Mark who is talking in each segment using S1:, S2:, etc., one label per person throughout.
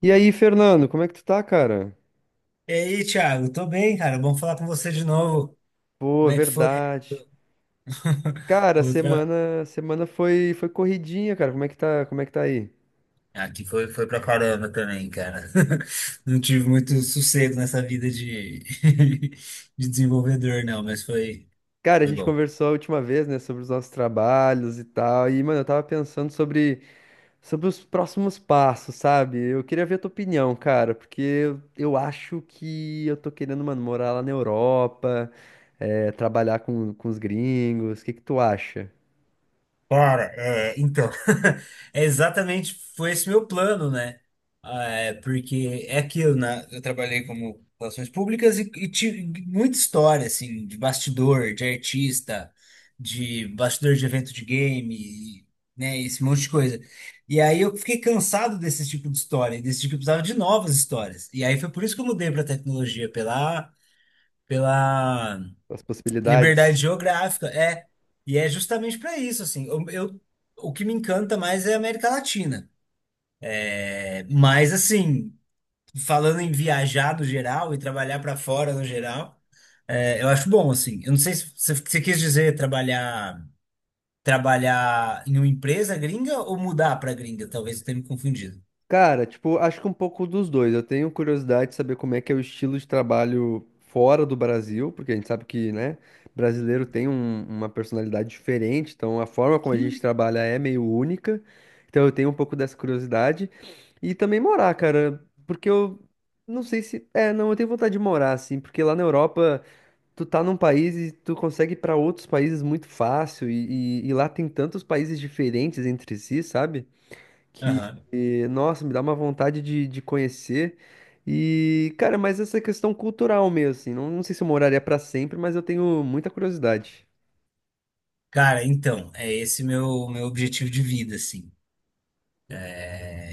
S1: E aí, Fernando, como é que tu tá, cara?
S2: E aí, Thiago, tô bem, cara. Bom falar com você de novo. Como
S1: Pô,
S2: é que foi?
S1: verdade. Cara, a
S2: Outra...
S1: semana, a semana foi corridinha, cara. Como é que tá aí?
S2: Aqui foi, foi pra caramba também, cara. Não tive muito sossego nessa vida de, de desenvolvedor, não, mas foi,
S1: Cara, a
S2: foi
S1: gente
S2: bom.
S1: conversou a última vez, né, sobre os nossos trabalhos e tal. E, mano, eu tava pensando sobre os próximos passos, sabe? Eu queria ver a tua opinião, cara, porque eu acho que eu tô querendo, mano, morar lá na Europa, trabalhar com os gringos. O que que tu acha?
S2: Cara, é, então, é exatamente foi esse meu plano, né? Ah, é, porque é aquilo, né? Eu trabalhei como relações públicas e tive muita história, assim, de bastidor, de artista, de bastidor de evento de game, né? Esse monte de coisa. E aí eu fiquei cansado desse tipo de história, e desse tipo, eu precisava de novas histórias. E aí foi por isso que eu mudei para tecnologia, pela
S1: As
S2: liberdade
S1: possibilidades?
S2: geográfica, é. E é justamente para isso, assim. O que me encanta mais é a América Latina. É, mas, assim, falando em viajar no geral e trabalhar para fora no geral, é, eu acho bom, assim. Eu não sei se você quis dizer trabalhar, trabalhar em uma empresa gringa ou mudar para gringa, talvez eu tenha me confundido.
S1: Cara, tipo, acho que um pouco dos dois. Eu tenho curiosidade de saber como é que é o estilo de trabalho fora do Brasil, porque a gente sabe que, né, brasileiro tem uma personalidade diferente, então a forma como a gente
S2: Hum.
S1: trabalha é meio única. Então eu tenho um pouco dessa curiosidade. E também morar, cara, porque eu não sei se. É, não, eu tenho vontade de morar, assim, porque lá na Europa tu tá num país e tu consegue ir pra outros países muito fácil, e, e lá tem tantos países diferentes entre si, sabe?
S2: Aham.
S1: Nossa, me dá uma vontade de conhecer. E, cara, mas essa questão cultural mesmo, assim, não, não sei se eu moraria pra sempre, mas eu tenho muita curiosidade.
S2: Cara, então, é esse meu objetivo de vida, assim. É,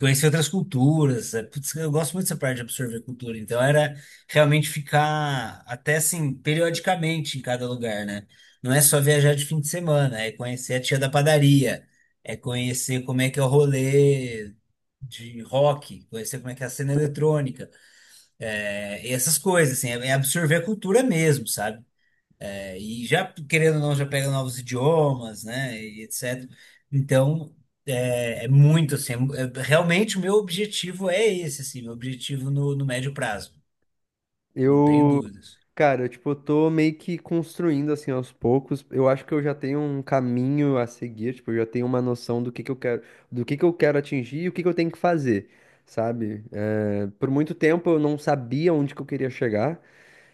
S2: conhecer outras culturas. É, putz, eu gosto muito dessa parte de absorver cultura. Então era realmente ficar até assim, periodicamente em cada lugar, né? Não é só viajar de fim de semana, é conhecer a tia da padaria, é conhecer como é que é o rolê de rock, conhecer como é que é a cena eletrônica, é, e essas coisas, assim, é é absorver a cultura mesmo, sabe? É, e já, querendo ou não, já pega novos idiomas, né? E etc. Então, é, é muito assim. Realmente, o meu objetivo é esse, assim, meu objetivo no, no médio prazo. Não tenho
S1: Eu,
S2: dúvidas.
S1: cara, eu, tipo, eu tô meio que construindo, assim, aos poucos. Eu acho que eu já tenho um caminho a seguir, tipo, eu já tenho uma noção do que eu quero, do que eu quero atingir e o que que eu tenho que fazer, sabe? Por muito tempo eu não sabia onde que eu queria chegar.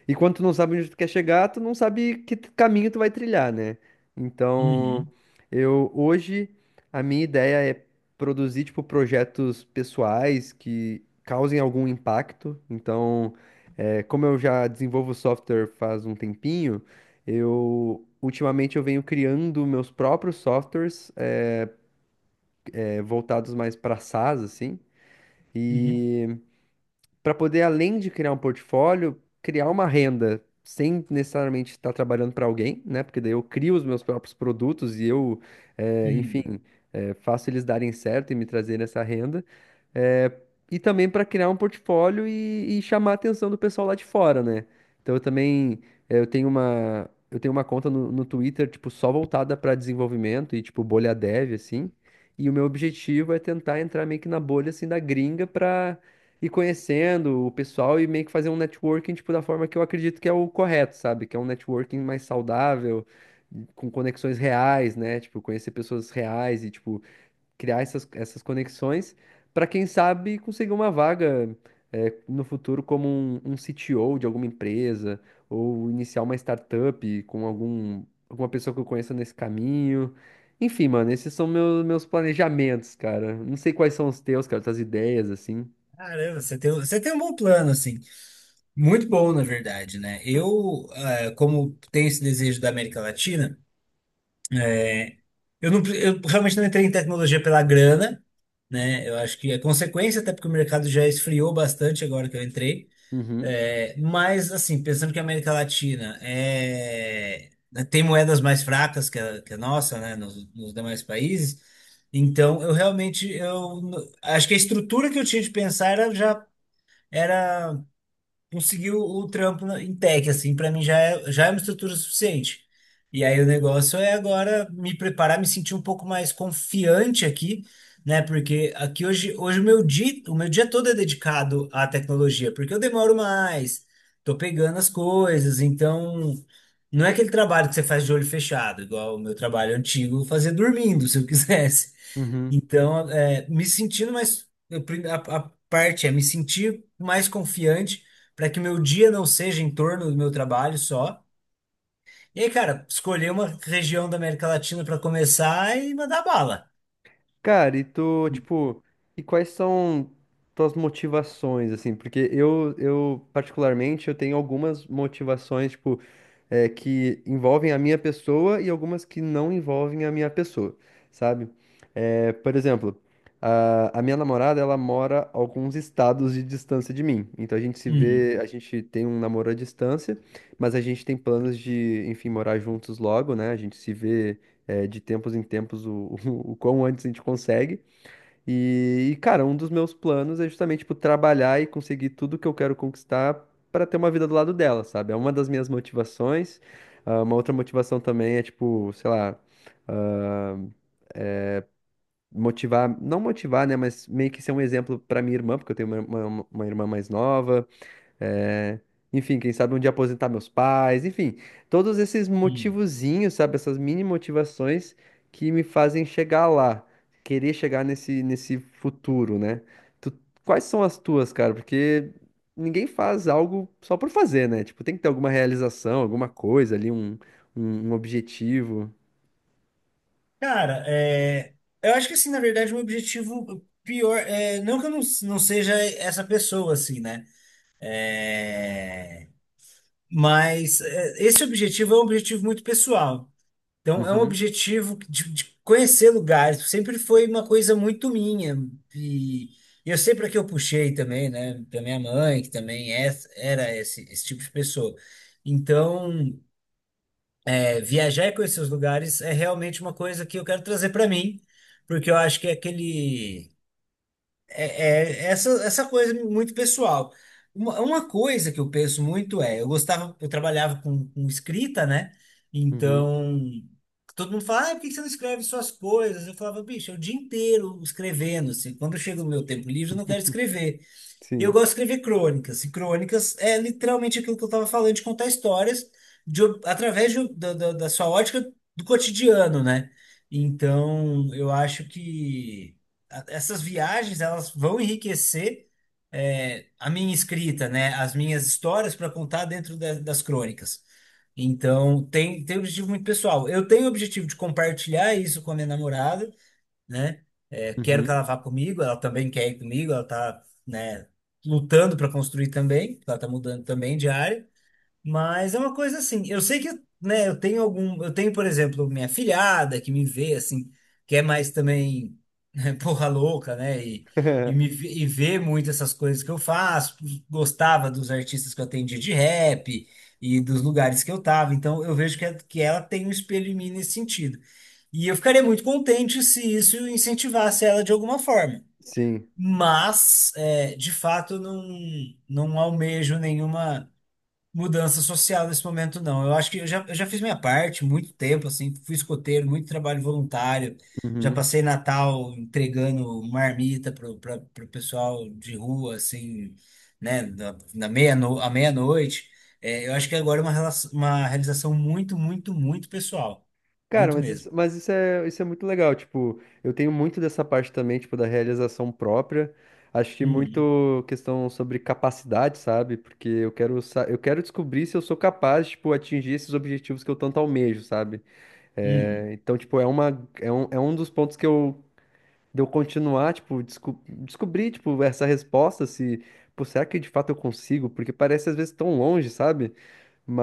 S1: E quando tu não sabe onde tu quer chegar, tu não sabe que caminho tu vai trilhar, né? Então,
S2: Uhum,
S1: eu hoje a minha ideia é produzir tipo projetos pessoais que causem algum impacto. Então, é, como eu já desenvolvo software faz um tempinho, eu ultimamente eu venho criando meus próprios softwares, é, voltados mais para SaaS assim.
S2: uhum,
S1: E para poder, além de criar um portfólio, criar uma renda sem necessariamente estar trabalhando para alguém, né? Porque daí eu crio os meus próprios produtos e eu, enfim,
S2: uhum.
S1: faço eles darem certo e me trazerem essa renda. É, e também para criar um portfólio e chamar a atenção do pessoal lá de fora, né? Então eu também eu tenho uma conta no, no Twitter tipo só voltada para desenvolvimento e tipo bolha dev assim. E o meu objetivo é tentar entrar meio que na bolha assim da gringa para ir conhecendo o pessoal e meio que fazer um networking tipo da forma que eu acredito que é o correto, sabe? Que é um networking mais saudável, com conexões reais, né? Tipo conhecer pessoas reais e tipo criar essas conexões para quem sabe conseguir uma vaga no futuro como um CTO de alguma empresa ou iniciar uma startup com algum, alguma pessoa que eu conheça nesse caminho. Enfim, mano, esses são meus, meus planejamentos, cara. Não sei quais são os teus, cara, tuas ideias, assim.
S2: Caramba, você tem um bom plano, assim. Muito bom, na verdade, né? Eu, é, como tenho esse desejo da América Latina, eu, não, eu realmente não entrei em tecnologia pela grana, né? Eu acho que é consequência, até porque o mercado já esfriou bastante agora que eu entrei.
S1: Uhum,
S2: É, mas, assim, pensando que a América Latina é, né, tem moedas mais fracas que a nossa, né, nos demais países, então eu realmente acho que a estrutura que eu tinha de pensar era já era conseguiu o trampo em tech, assim, pra mim já é uma estrutura suficiente. E aí o negócio é agora me preparar, me sentir um pouco mais confiante aqui, né? Porque aqui hoje, hoje o meu dia todo é dedicado à tecnologia, porque eu demoro mais, tô pegando as coisas, então não é aquele trabalho que você faz de olho fechado, igual o meu trabalho antigo, eu fazia dormindo, se eu quisesse.
S1: uhum.
S2: Então, é, me sentindo mais. A parte é me sentir mais confiante para que o meu dia não seja em torno do meu trabalho só. E aí, cara, escolher uma região da América Latina para começar e mandar bala.
S1: Cara, e tu, tipo, e quais são tuas motivações, assim? Porque eu particularmente, eu tenho algumas motivações, tipo, é, que envolvem a minha pessoa e algumas que não envolvem a minha pessoa, sabe? É, por exemplo, a minha namorada, ela mora a alguns estados de distância de mim. Então a gente se
S2: Uhum,
S1: vê, a gente tem um namoro à distância, mas a gente tem planos de, enfim, morar juntos logo, né? A gente se vê é, de tempos em tempos o, o quão antes a gente consegue. E, cara, um dos meus planos é justamente, tipo, trabalhar e conseguir tudo que eu quero conquistar para ter uma vida do lado dela, sabe? É uma das minhas motivações. Ah, uma outra motivação também é, tipo, sei lá, ah, motivar, não motivar, né? Mas meio que ser um exemplo para minha irmã, porque eu tenho uma, uma irmã mais nova. É, enfim, quem sabe um dia aposentar meus pais, enfim, todos esses
S2: uhum.
S1: motivozinhos, sabe, essas mini motivações que me fazem chegar lá, querer chegar nesse, nesse futuro, né? Tu- Quais são as tuas, cara? Porque ninguém faz algo só por fazer, né? Tipo, tem que ter alguma realização, alguma coisa ali, um, um objetivo.
S2: Cara, é, eu acho que assim, na verdade, o meu objetivo pior é não que eu não, não seja essa pessoa, assim, né? É, mas é, esse objetivo é um objetivo muito pessoal. Então, é um
S1: Uhum,
S2: objetivo de conhecer lugares. Sempre foi uma coisa muito minha. E eu sei para que eu puxei também, né? Da minha mãe, que também é, era esse, esse tipo de pessoa. Então, é, viajar e conhecer os lugares é realmente uma coisa que eu quero trazer para mim, porque eu acho que é aquele é, é essa, essa coisa muito pessoal. Uma coisa que eu penso muito é, eu gostava, eu trabalhava com escrita, né?
S1: uhum,
S2: Então, todo mundo fala, ah, por que que você não escreve suas coisas? Eu falava, bicho, é o dia inteiro escrevendo, assim. Quando chega o meu tempo livre, eu não quero escrever. E eu
S1: sim.
S2: gosto de escrever crônicas. E crônicas é literalmente aquilo que eu estava falando, de contar histórias de, através um, da, da sua ótica do cotidiano, né? Então, eu acho que essas viagens elas vão enriquecer é, a minha escrita, né? As minhas histórias para contar dentro das crônicas. Então, tem, tem um objetivo muito pessoal. Eu tenho o objetivo de compartilhar isso com a minha namorada, né? É, quero que
S1: Uhum.
S2: ela vá comigo, ela também quer ir comigo, ela tá, né, lutando para construir também, ela tá mudando também de área. Mas é uma coisa assim, eu sei que, né, eu tenho algum, eu tenho, por exemplo, minha filhada que me vê assim, que é mais também né, porra louca, né, e, e vê muito essas coisas que eu faço, gostava dos artistas que eu atendia de rap e dos lugares que eu tava, então eu vejo que, é- que ela tem um espelho em mim nesse sentido. E eu ficaria muito contente se isso incentivasse ela de alguma forma.
S1: Sim.
S2: Mas, é, de fato, eu não, não almejo nenhuma mudança social nesse momento, não. Eu acho que eu já fiz minha parte muito tempo, assim, fui escoteiro, muito trabalho voluntário. Já
S1: Uhum.
S2: passei Natal entregando marmita pro, pra, pro pessoal de rua, assim, né, na, na à meia-noite. É, eu acho que agora é uma, relação, uma realização muito, muito, muito pessoal.
S1: Cara,
S2: Muito
S1: mas
S2: mesmo.
S1: isso, mas isso é, isso é muito legal. Tipo, eu tenho muito dessa parte também, tipo, da realização própria. Acho que
S2: Uhum,
S1: muito questão sobre capacidade, sabe? Porque eu quero, eu quero descobrir se eu sou capaz, tipo, atingir esses objetivos que eu tanto almejo, sabe?
S2: uhum,
S1: É, então, tipo, é uma, é um dos pontos que eu, de eu continuar, tipo, descobrir, tipo, essa resposta, se, pô, será que de fato eu consigo? Porque parece às vezes tão longe, sabe?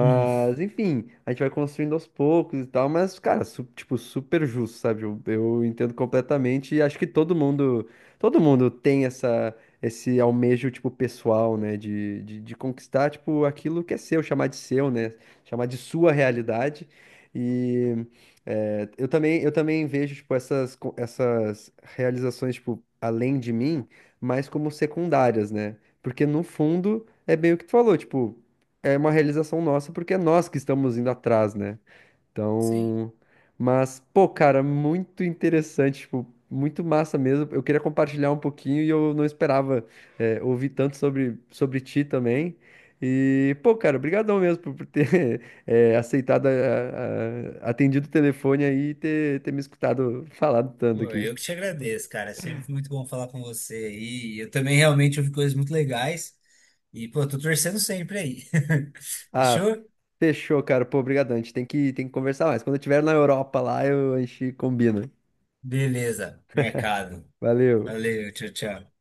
S2: uhum.
S1: enfim, a gente vai construindo aos poucos e tal, mas, cara, tipo, super justo, sabe? Eu entendo completamente e acho que todo mundo tem essa, esse almejo, tipo, pessoal, né? De conquistar, tipo, aquilo que é seu, chamar de seu, né? Chamar de sua realidade. E é, eu também vejo, tipo, essas, essas realizações, tipo, além de mim, mais como secundárias, né? Porque, no fundo, é bem o que tu falou, tipo é uma realização nossa, porque é nós que estamos indo atrás, né?
S2: Sim.
S1: Então, mas, pô, cara, muito interessante, tipo, muito massa mesmo. Eu queria compartilhar um pouquinho e eu não esperava é, ouvir tanto sobre, sobre ti também. E, pô, cara, obrigadão mesmo por ter é, aceitado, atendido o telefone aí e ter, ter me escutado falado tanto
S2: Pô,
S1: aqui.
S2: eu que te agradeço, cara. É sempre muito bom falar com você aí. E eu também realmente ouvi coisas muito legais. E, pô, tô torcendo sempre aí.
S1: Ah,
S2: Fechou?
S1: fechou, cara. Pô, obrigadão. A gente tem que conversar mais. Quando eu estiver na Europa lá, eu, a gente combina.
S2: Beleza. Mercado.
S1: Valeu.
S2: Valeu, tchau, tchau.